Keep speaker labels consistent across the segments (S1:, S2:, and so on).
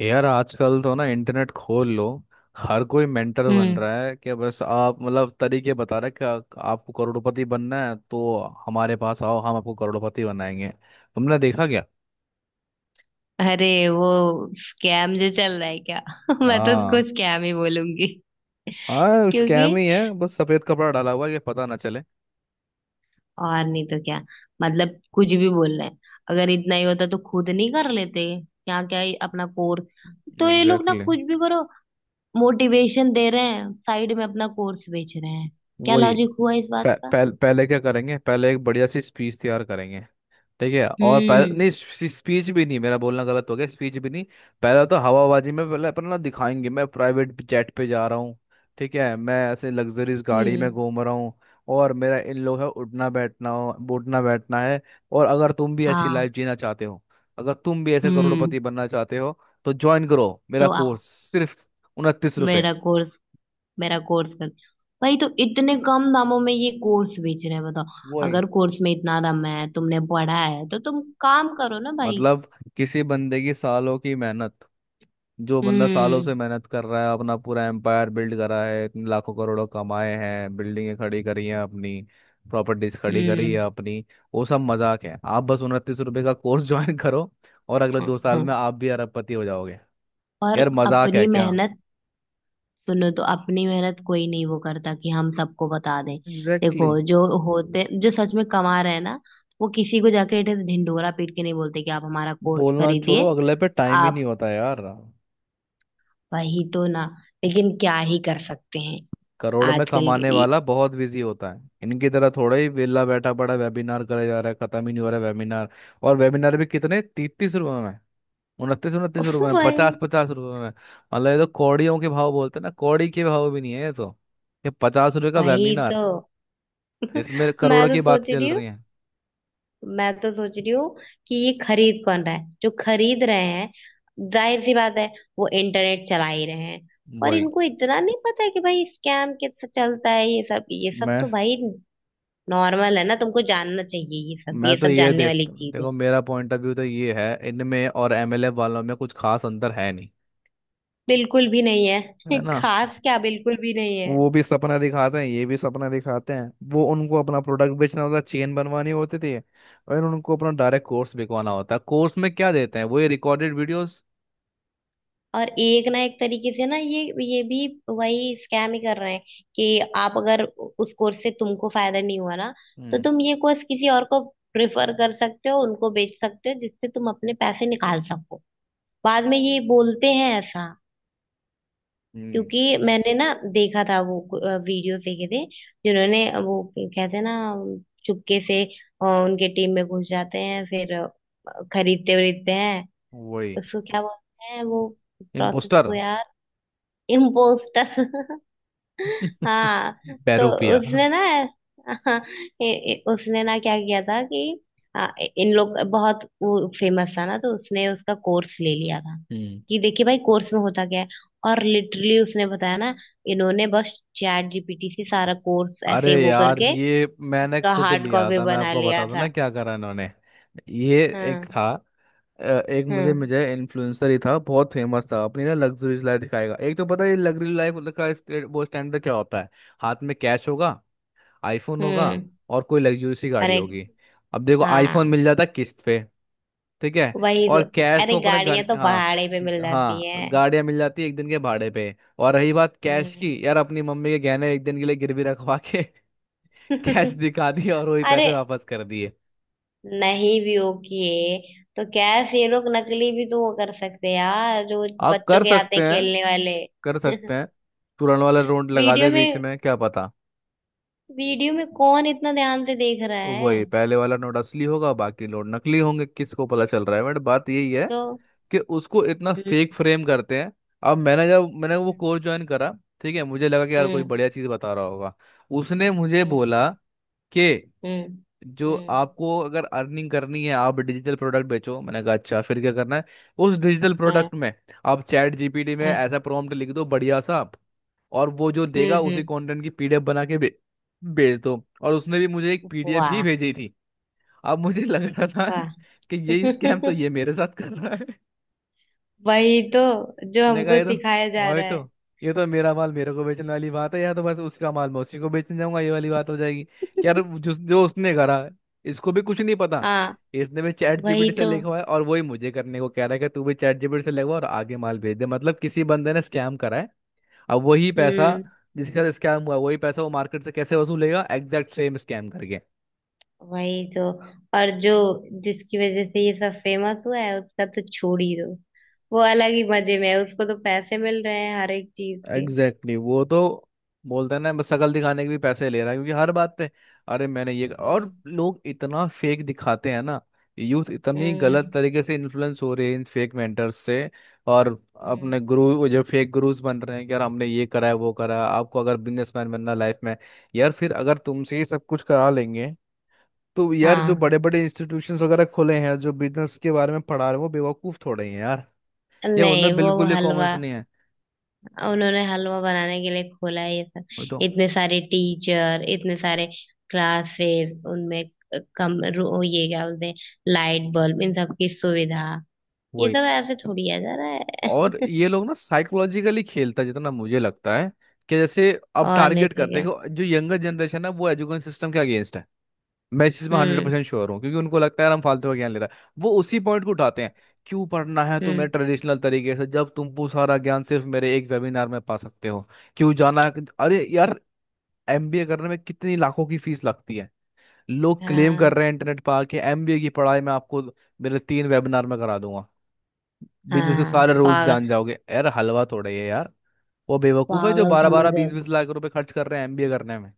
S1: यार आजकल तो ना इंटरनेट खोल लो. हर कोई मेंटर बन
S2: हम्म।
S1: रहा है कि बस आप मतलब तरीके बता रहे हैं कि आपको करोड़पति बनना है तो हमारे पास आओ. हम आपको करोड़पति बनाएंगे. तुमने देखा क्या?
S2: अरे वो स्कैम जो चल रहा है क्या मैं तो उसको
S1: हाँ.
S2: स्कैम ही बोलूंगी।
S1: हाँ,
S2: क्योंकि
S1: स्कैम ही है, बस सफेद कपड़ा डाला हुआ है कि पता ना चले.
S2: और नहीं तो क्या। मतलब कुछ भी बोल रहे हैं। अगर इतना ही होता तो खुद नहीं कर लेते, क्या क्या ही अपना कोर्स। तो ये लोग ना
S1: एग्जैक्टली exactly.
S2: कुछ भी करो, मोटिवेशन दे रहे हैं, साइड में अपना कोर्स बेच रहे हैं। क्या
S1: वही.
S2: लॉजिक हुआ इस बात
S1: पह,
S2: का?
S1: पह, पहले क्या करेंगे? पहले एक बढ़िया सी स्पीच तैयार करेंगे. ठीक है, और पहले
S2: हम्म।
S1: नहीं, स्पीच भी नहीं, मेरा बोलना गलत हो गया, स्पीच भी नहीं. पहला तो हवाबाजी में पहले अपना ना दिखाएंगे, मैं प्राइवेट जेट पे जा रहा हूँ. ठीक है, मैं ऐसे लग्जरीज गाड़ी में
S2: हम्म।
S1: घूम रहा हूँ. और मेरा इन लोग है उठना बैठना हो, उठना बैठना है. और अगर तुम भी ऐसी
S2: हाँ।
S1: लाइफ जीना चाहते हो, अगर तुम भी ऐसे
S2: हम्म।
S1: करोड़पति बनना चाहते हो, तो ज्वाइन करो मेरा
S2: तो आओ
S1: कोर्स, सिर्फ 29 रुपये.
S2: मेरा कोर्स, मेरा कोर्स कर। भाई तो इतने कम दामों में ये कोर्स बेच रहे हैं, बताओ।
S1: वही.
S2: अगर कोर्स में इतना दम है, तुमने पढ़ा है तो तुम काम करो ना भाई।
S1: मतलब किसी बंदे की सालों की मेहनत, जो बंदा सालों
S2: हम्म।
S1: से मेहनत कर रहा है, अपना पूरा एम्पायर बिल्ड करा है, इतने लाखों करोड़ों कमाए हैं, बिल्डिंगें खड़ी करी हैं अपनी, प्रॉपर्टीज खड़ी करी
S2: हम्म।
S1: है अपनी, वो सब मजाक है? आप बस 29 रुपए का कोर्स ज्वाइन करो, और अगले
S2: हाँ,
S1: 2 साल में
S2: हाँ।
S1: आप भी अरबपति हो जाओगे?
S2: और
S1: यार मजाक
S2: अपनी
S1: है क्या?
S2: मेहनत। सुनो तो, अपनी मेहनत कोई नहीं वो करता कि हम सबको बता दें।
S1: एग्जैक्टली
S2: देखो,
S1: exactly.
S2: जो सच में कमा रहे हैं ना, वो किसी को जाके ऐसे ढिंढोरा पीट के नहीं बोलते कि आप हमारा कोर्स
S1: बोलना छोड़ो,
S2: खरीदिए।
S1: अगले पे टाइम ही नहीं
S2: आप
S1: होता यार.
S2: वही तो ना। लेकिन क्या ही कर सकते हैं।
S1: करोड़ में
S2: आजकल
S1: कमाने
S2: के,
S1: वाला बहुत बिजी होता है, इनकी तरह थोड़ा ही वेला बैठा पड़ा वेबिनार करे जा रहा है, खत्म ही नहीं हो रहा है वेबिनार. और वेबिनार भी कितने? 30-30 रुपए, उनतीस उनतीस
S2: उफ
S1: रुपए में,
S2: भाई।
S1: 50-50 रुपए में. मतलब ये तो कौड़ियों के भाव बोलते हैं ना, कौड़ी के भाव भी नहीं है ये तो. ये 50 रुपए का
S2: वही तो।
S1: वेबिनार, इसमें
S2: मैं
S1: करोड़ों
S2: तो
S1: की बात
S2: सोच
S1: चल
S2: रही हूँ,
S1: रही है.
S2: मैं तो सोच रही हूँ कि ये खरीद कौन रहा है? जो खरीद रहे हैं, जाहिर सी बात है, वो इंटरनेट चला ही रहे हैं। और
S1: वही.
S2: इनको इतना नहीं पता है कि भाई स्कैम कैसे चलता है, ये सब तो
S1: मैं
S2: भाई नॉर्मल है ना। तुमको जानना चाहिए, ये
S1: मैं तो
S2: सब
S1: ये
S2: जानने वाली
S1: देखता हूँ,
S2: चीज है।
S1: देखो मेरा पॉइंट ऑफ व्यू तो ये है, इनमें और एमएलए वालों में कुछ खास अंतर है नहीं.
S2: बिल्कुल भी नहीं है।
S1: है ना?
S2: खास क्या, बिल्कुल भी नहीं है।
S1: वो भी सपना दिखाते हैं, ये भी सपना दिखाते हैं, वो उनको अपना प्रोडक्ट बेचना होता है, चेन बनवानी होती थी, और उनको अपना डायरेक्ट कोर्स बिकवाना होता है. कोर्स में क्या देते हैं? वही रिकॉर्डेड वीडियोस.
S2: और एक ना एक तरीके से ना ये भी वही स्कैम ही कर रहे हैं कि आप, अगर उस कोर्स से तुमको फायदा नहीं हुआ ना, तो
S1: हम्म.
S2: तुम ये कोर्स किसी और को प्रेफर कर सकते हो, उनको बेच सकते हो जिससे तुम अपने पैसे निकाल सको। बाद में ये बोलते हैं ऐसा।
S1: हम्म.
S2: क्योंकि मैंने ना देखा था, वो वीडियोस देखे थे। जिन्होंने, वो कहते हैं ना, चुपके से उनके टीम में घुस जाते हैं फिर खरीदते वरीदते हैं।
S1: वही.
S2: उसको क्या बोलते हैं वो, प्रोसेस को
S1: इम्पोस्टर
S2: यार? इम्पोस्टर। हाँ। तो
S1: पेरूपिया.
S2: उसने ना, हाँ, ए- उसने ना क्या किया था कि आ, इन लोग बहुत, वो फेमस था ना, तो उसने उसका कोर्स ले लिया था
S1: हम्म.
S2: कि देखिए भाई कोर्स में होता क्या है। और लिटरली उसने बताया ना, इन्होंने बस चैट जीपीटी से सारा कोर्स
S1: अरे
S2: ऐसे वो
S1: यार,
S2: करके
S1: ये मैंने
S2: उसका
S1: खुद
S2: हार्ड
S1: लिया
S2: कॉपी
S1: था, मैं
S2: बना
S1: आपको
S2: लिया
S1: बता दूं ना
S2: था।
S1: क्या करा इन्होंने. ये एक
S2: हाँ।
S1: था. एक मुझे
S2: हाँ।
S1: मुझे इन्फ्लुएंसर ही था, बहुत फेमस था, अपनी ना लग्जरीज लाइफ दिखाएगा. एक तो पता है लग्जरी लाइफ का वो स्टैंडर्ड क्या होता है. हाथ में कैश होगा, आईफोन होगा,
S2: हम्म।
S1: और कोई लग्जरी सी गाड़ी
S2: अरे
S1: होगी. अब देखो आईफोन
S2: हाँ,
S1: मिल जाता किस्त पे, ठीक है,
S2: वही तो।
S1: और कैश
S2: अरे
S1: तो अपने घर.
S2: गाड़ियां तो
S1: हाँ.
S2: भाड़े पे मिल जाती
S1: हाँ,
S2: हैं।
S1: गाड़ियां मिल जाती है एक दिन के भाड़े पे, और रही बात कैश
S2: हम्म।
S1: की, यार अपनी मम्मी के गहने एक दिन के लिए गिरवी रखवा के कैश दिखा दिया और वही पैसे
S2: अरे
S1: वापस कर दिए.
S2: नहीं भी हो किए, तो कैसे? ये लोग नकली भी तो वो कर सकते हैं यार, जो
S1: आप
S2: बच्चों
S1: कर
S2: के आते
S1: सकते
S2: हैं
S1: हैं,
S2: खेलने वाले।
S1: कर सकते हैं. तुरंत वाला नोट लगा
S2: वीडियो
S1: दे बीच
S2: में,
S1: में, क्या पता,
S2: वीडियो में कौन इतना ध्यान से देख रहा है।
S1: वही पहले वाला नोट असली होगा, बाकी नोट नकली होंगे, किसको पता चल रहा है? बट बात यही है
S2: तो।
S1: कि उसको इतना
S2: हम्म।
S1: फेक फ्रेम करते हैं. अब मैंने, जब मैंने वो कोर्स ज्वाइन करा, ठीक है, मुझे लगा कि यार कोई
S2: हम्म।
S1: बढ़िया चीज़ बता रहा होगा. उसने मुझे
S2: हम्म।
S1: बोला कि
S2: हम्म।
S1: जो
S2: हम्म।
S1: आपको अगर अर्निंग करनी है, आप डिजिटल प्रोडक्ट बेचो. मैंने कहा अच्छा, फिर क्या करना है उस डिजिटल प्रोडक्ट में? आप चैट जीपीटी में
S2: हम्म।
S1: ऐसा प्रॉम्प्ट लिख दो बढ़िया सा और वो जो
S2: हम्म।
S1: देगा, उसी कंटेंट की पीडीएफ बना के भेज दो. और उसने भी मुझे एक पीडीएफ ही
S2: वाह
S1: भेजी थी. अब मुझे लग रहा था
S2: वाह।
S1: कि यही स्कैम तो ये मेरे साथ कर रहा है.
S2: वही तो, जो
S1: मैंने कहा
S2: हमको
S1: ये तो,
S2: सिखाया जा
S1: और
S2: रहा है।
S1: तो, ये तो मेरा माल मेरे को बेचने वाली बात है, या तो बस उसका माल मैं उसी को बेचने जाऊंगा, ये वाली बात हो जाएगी कि यार जो जो उसने करा, इसको भी कुछ नहीं पता,
S2: हाँ।
S1: इसने भी चैट
S2: वही
S1: जीपीटी से
S2: तो।
S1: लिखवा है और वही मुझे करने को कह रहा है कि तू भी चैट जीपीटी से लिखवा और आगे माल भेज दे. मतलब किसी बंदे ने स्कैम करा है, अब वही पैसा,
S2: हम्म।
S1: जिसके साथ स्कैम हुआ, वही पैसा वो मार्केट से कैसे वसूलेगा? एग्जैक्ट सेम स्कैम करके.
S2: वही तो। और जो जिसकी वजह से ये सब फेमस हुआ है, उसका तो छोड़ ही दो। वो अलग ही मजे में है, उसको तो पैसे मिल रहे हैं हर एक चीज के।
S1: एग्जैक्टली exactly, वो तो बोलते हैं ना, बस शक्ल दिखाने के भी पैसे ले रहा है, क्योंकि हर बात पे. अरे मैंने ये, और
S2: हम्म।
S1: लोग इतना फेक दिखाते हैं ना, यूथ इतनी
S2: हम्म।
S1: गलत तरीके से इन्फ्लुएंस हो रही है इन फेक मेंटर्स से. और
S2: हम्म।
S1: अपने गुरु, वो जो फेक गुरुज बन रहे हैं कि यार हमने ये करा है, वो करा है, आपको अगर बिजनेसमैन बनना है लाइफ में. यार फिर अगर तुमसे ही सब कुछ करा लेंगे, तो यार जो बड़े
S2: हाँ,
S1: बड़े इंस्टीट्यूशंस वगैरह खुले हैं जो बिजनेस के बारे में पढ़ा रहे हैं, वो बेवकूफ थोड़े ही हैं यार, या
S2: नहीं
S1: उनमें
S2: वो
S1: बिल्कुल ही कॉमन
S2: हलवा।
S1: नहीं है.
S2: उन्होंने हलवा बनाने के लिए खोला है ये सब,
S1: वही तो.
S2: इतने सारे टीचर, इतने सारे क्लासेस उनमें। ये क्या बोलते हैं? लाइट बल्ब इन सब की सुविधा, ये
S1: वही.
S2: सब ऐसे थोड़ी आ जा रहा
S1: और
S2: है।
S1: ये लोग ना साइकोलॉजिकली खेलता है जितना मुझे लगता है, कि जैसे अब
S2: और नहीं
S1: टारगेट
S2: तो
S1: करते
S2: क्या।
S1: हैं कि जो यंगर जनरेशन है, वो एजुकेशन सिस्टम के अगेंस्ट है. मैं इस चीज में हंड्रेड
S2: हम्म।
S1: परसेंट श्योर हूँ, क्योंकि उनको लगता है यार हम फालतू का ज्ञान ले रहा है, वो उसी पॉइंट को उठाते हैं. क्यों पढ़ना है तुम्हें
S2: हम्म।
S1: ट्रेडिशनल तरीके से, जब तुम वो सारा ज्ञान सिर्फ मेरे एक वेबिनार में पा सकते हो, क्यों जाना है? अरे यार, एमबीए करने में कितनी लाखों की फीस लगती है. लोग क्लेम कर
S2: हाँ।
S1: रहे हैं इंटरनेट पर आके, एमबीए की पढ़ाई मैं आपको मेरे 3 वेबिनार में करा दूंगा. बिजनेस के
S2: हाँ
S1: सारे रूल्स
S2: पागल,
S1: जान जाओगे, यार हलवा थोड़ा ही है यार. वो बेवकूफ है जो
S2: पागल
S1: बारह
S2: समझ
S1: बारह
S2: रहे
S1: बीस
S2: हो।
S1: बीस लाख रुपए खर्च कर रहे हैं एमबीए करने में.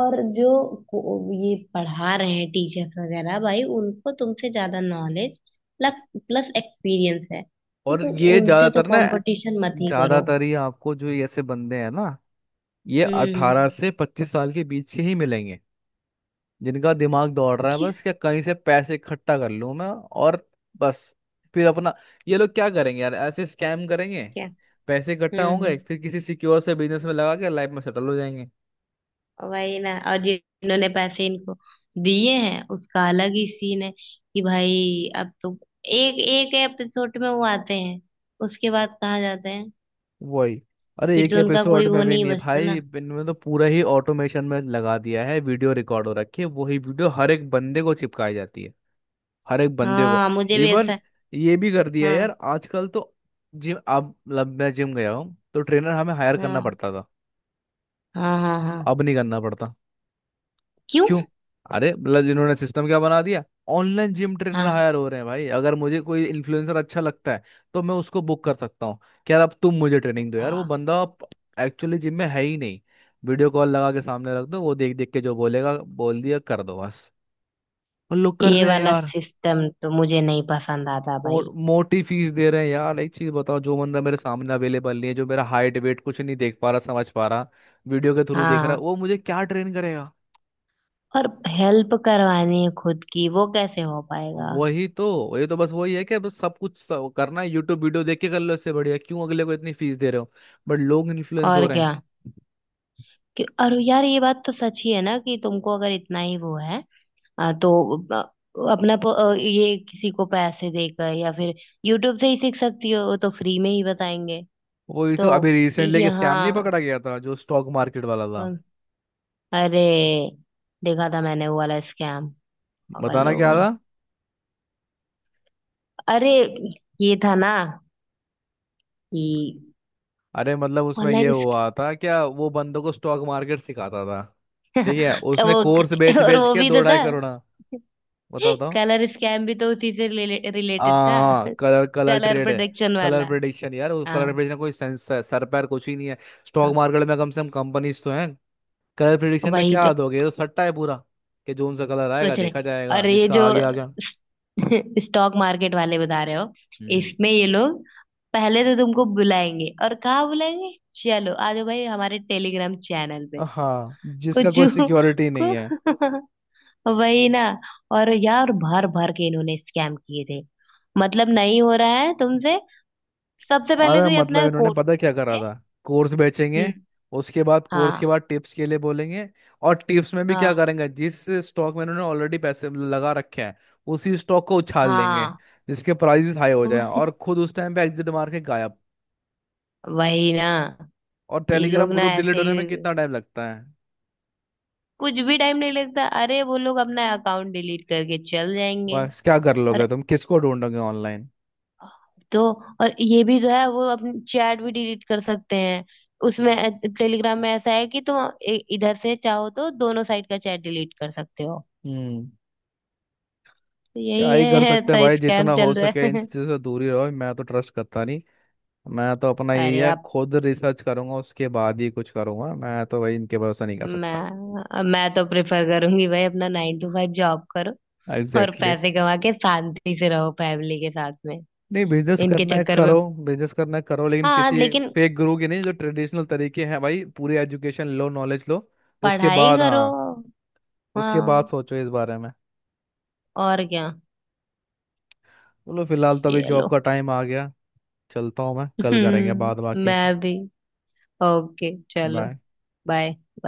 S2: और जो ये पढ़ा रहे हैं टीचर्स वगैरह भाई, उनको तुमसे ज्यादा नॉलेज प्लस प्लस एक्सपीरियंस है, तो
S1: और
S2: तुम
S1: ये
S2: उनसे तो
S1: ज्यादातर ना,
S2: कंपटीशन मत ही करो।
S1: ज्यादातर ही आपको जो ये ऐसे बंदे हैं ना, ये
S2: हम्म।
S1: 18 से 25 साल के बीच के ही मिलेंगे, जिनका दिमाग दौड़ रहा है,
S2: क्या,
S1: बस क्या कहीं से पैसे इकट्ठा कर लूं मैं, और बस, फिर अपना, ये लोग क्या करेंगे यार? ऐसे स्कैम करेंगे,
S2: क्या?
S1: पैसे इकट्ठा
S2: हम्म। हम्म।
S1: होंगे, फिर किसी सिक्योर से बिजनेस में
S2: हम्म।
S1: लगा के लाइफ में सेटल हो जाएंगे.
S2: वही ना, और जिन्होंने पैसे इनको दिए हैं, उसका अलग ही सीन है कि भाई अब तो एक एक एपिसोड में वो आते हैं, उसके बाद कहाँ जाते हैं?
S1: वही. अरे
S2: फिर
S1: एक
S2: तो उनका
S1: एपिसोड
S2: कोई वो
S1: में भी
S2: नहीं
S1: नहीं है
S2: बचता
S1: भाई,
S2: ना।
S1: इनमें तो पूरा ही ऑटोमेशन में लगा दिया है, वीडियो रिकॉर्ड हो रखी है, वही वीडियो हर एक बंदे को चिपकाई जाती है, हर एक बंदे को.
S2: हाँ, मुझे भी
S1: इवन
S2: ऐसा।
S1: ये भी कर दिया है
S2: हाँ।
S1: यार आजकल तो. जिम, अब मतलब मैं जिम गया हूँ तो ट्रेनर हमें हायर करना
S2: हाँ।
S1: पड़ता था,
S2: हाँ। हाँ।
S1: अब
S2: हाँ।
S1: नहीं करना पड़ता.
S2: क्यों?
S1: क्यों? अरे मतलब इन्होंने सिस्टम क्या बना दिया, ऑनलाइन जिम ट्रेनर
S2: हाँ।
S1: हायर हो रहे हैं भाई. अगर मुझे कोई इन्फ्लुएंसर अच्छा लगता है, तो मैं उसको बुक कर सकता हूँ कि यार अब तुम मुझे ट्रेनिंग दो यार. वो
S2: हाँ।
S1: बंदा एक्चुअली जिम में है ही नहीं, वीडियो कॉल लगा के सामने रख दो, वो देख देख के जो बोलेगा बोल दिया कर दो बस. और लोग कर
S2: ये
S1: रहे हैं
S2: वाला
S1: यार.
S2: सिस्टम तो मुझे नहीं पसंद आता भाई।
S1: मोटी फीस दे रहे हैं यार, एक चीज बताओ, जो बंदा मेरे सामने अवेलेबल नहीं है, जो मेरा हाइट वेट कुछ नहीं देख पा रहा, समझ पा रहा, वीडियो के थ्रू देख रहा
S2: हाँ,
S1: है, वो मुझे क्या ट्रेन करेगा?
S2: और हेल्प करवानी है खुद की, वो कैसे हो पाएगा?
S1: वही तो, ये तो बस वही है कि बस सब कुछ, सब करना है यूट्यूब वीडियो देख के कर लो, इससे बढ़िया क्यों अगले को इतनी फीस दे रहे हो. बट लोग इन्फ्लुएंस हो
S2: और
S1: रहे
S2: क्या,
S1: हैं.
S2: कि और यार ये बात तो सच ही है ना कि तुमको अगर इतना ही वो है, तो अ, अपना ये किसी को पैसे देकर या फिर यूट्यूब से ही सीख सकती हो, वो तो फ्री में ही बताएंगे।
S1: वही तो,
S2: तो
S1: अभी रिसेंटली एक स्कैम नहीं
S2: यहाँ,
S1: पकड़ा गया था जो स्टॉक मार्केट वाला था?
S2: अरे देखा था मैंने वो वाला स्कैम, पागल
S1: बताना
S2: लोग
S1: क्या
S2: हैं।
S1: था?
S2: अरे ये था ना कि
S1: अरे मतलब उसमें ये
S2: ऑनलाइन।
S1: हुआ था क्या, वो बंदों को स्टॉक मार्केट सिखाता था, ठीक है,
S2: वो,
S1: उसने कोर्स बेच
S2: और
S1: बेच
S2: वो
S1: के
S2: भी
S1: दो
S2: तो था,
S1: ढाई करोड़ हाँ, बताओ बताओ.
S2: कलर स्कैम भी तो उसी से रिलेटेड
S1: हाँ.
S2: था।
S1: हाँ, कलर कलर
S2: कलर
S1: ट्रेड है.
S2: प्रोडक्शन
S1: कलर
S2: वाला।
S1: प्रेडिक्शन, यार उस
S2: हाँ।
S1: कलर प्रेडिक्शन कोई सेंस सर पैर कुछ ही नहीं है. स्टॉक
S2: हाँ।
S1: मार्केट में कम से कम कंपनीज तो हैं, कलर प्रिडिक्शन में
S2: वही तो।
S1: क्या दोगे? ये तो सट्टा है पूरा, कि जोन सा कलर आएगा
S2: कुछ
S1: देखा
S2: नहीं।
S1: जाएगा,
S2: और ये
S1: जिसका
S2: जो
S1: आ गया आ गया.
S2: स्टॉक मार्केट वाले बता रहे हो,
S1: हम्म.
S2: इसमें ये लोग पहले तो तुमको बुलाएंगे। और कहाँ बुलाएंगे? चलो आ जाओ भाई हमारे टेलीग्राम चैनल पे।
S1: हाँ, जिसका
S2: कुछ
S1: कोई सिक्योरिटी नहीं है.
S2: वही ना। और यार भर भर के इन्होंने स्कैम किए थे। मतलब नहीं हो रहा है तुमसे। सबसे पहले
S1: अरे
S2: तो ये अपना
S1: मतलब इन्होंने पता
S2: कोर्स
S1: क्या करा
S2: है।
S1: था? कोर्स बेचेंगे,
S2: हम्म।
S1: उसके बाद कोर्स के
S2: हाँ।
S1: बाद टिप्स के लिए बोलेंगे, और टिप्स में भी क्या
S2: हाँ।
S1: करेंगे? जिस स्टॉक में इन्होंने ऑलरेडी पैसे लगा रखे हैं, उसी स्टॉक को उछाल लेंगे,
S2: हाँ।
S1: जिसके प्राइसेस हाई हो जाए,
S2: वही।
S1: और खुद उस टाइम पे एग्जिट मार के गायब.
S2: वही ना,
S1: और
S2: ये
S1: टेलीग्राम
S2: लोग ना
S1: ग्रुप
S2: ऐसे
S1: डिलीट
S2: ही।
S1: होने में कितना टाइम लगता है,
S2: कुछ भी टाइम नहीं लगता, अरे वो लोग अपना अकाउंट डिलीट करके चल जाएंगे।
S1: बस क्या कर लोगे तुम? किसको ढूंढोगे ऑनलाइन?
S2: तो और ये भी जो है, वो अपनी चैट भी डिलीट कर सकते हैं उसमें, टेलीग्राम में ऐसा है कि तुम इधर से चाहो तो दोनों साइड का चैट डिलीट कर सकते हो।
S1: हम्म.
S2: तो
S1: क्या
S2: यही
S1: ही कर
S2: है,
S1: सकते हैं
S2: ऐसा
S1: भाई,
S2: स्कैम
S1: जितना हो
S2: चल रहा
S1: सके इन सब
S2: है।
S1: चीज़ों से दूर ही रहो, मैं तो ट्रस्ट करता नहीं. मैं तो अपना यही
S2: अरे
S1: है,
S2: आप,
S1: खुद रिसर्च करूंगा, उसके बाद ही कुछ करूंगा, मैं तो भाई इनके भरोसा नहीं कर सकता.
S2: मैं तो प्रेफर करूंगी भाई अपना नाइन टू फाइव जॉब करो, और
S1: एग्जैक्टली exactly.
S2: पैसे कमा के शांति से रहो फैमिली के साथ में,
S1: नहीं, बिजनेस
S2: इनके
S1: करना है
S2: चक्कर में।
S1: करो, बिजनेस करना है करो, लेकिन
S2: हाँ
S1: किसी
S2: लेकिन,
S1: फेक गुरु की नहीं, जो ट्रेडिशनल तरीके हैं भाई, पूरी एजुकेशन लो, नॉलेज लो, उसके
S2: पढ़ाई
S1: बाद हाँ,
S2: करो।
S1: उसके बाद
S2: हाँ,
S1: सोचो इस बारे में.
S2: और क्या।
S1: बोलो फिलहाल तो अभी जॉब
S2: चलो।
S1: का टाइम आ गया, चलता हूँ मैं, कल करेंगे बाद
S2: हम्म।
S1: बाकी.
S2: मैं भी, ओके चलो।
S1: बाय.
S2: बाय।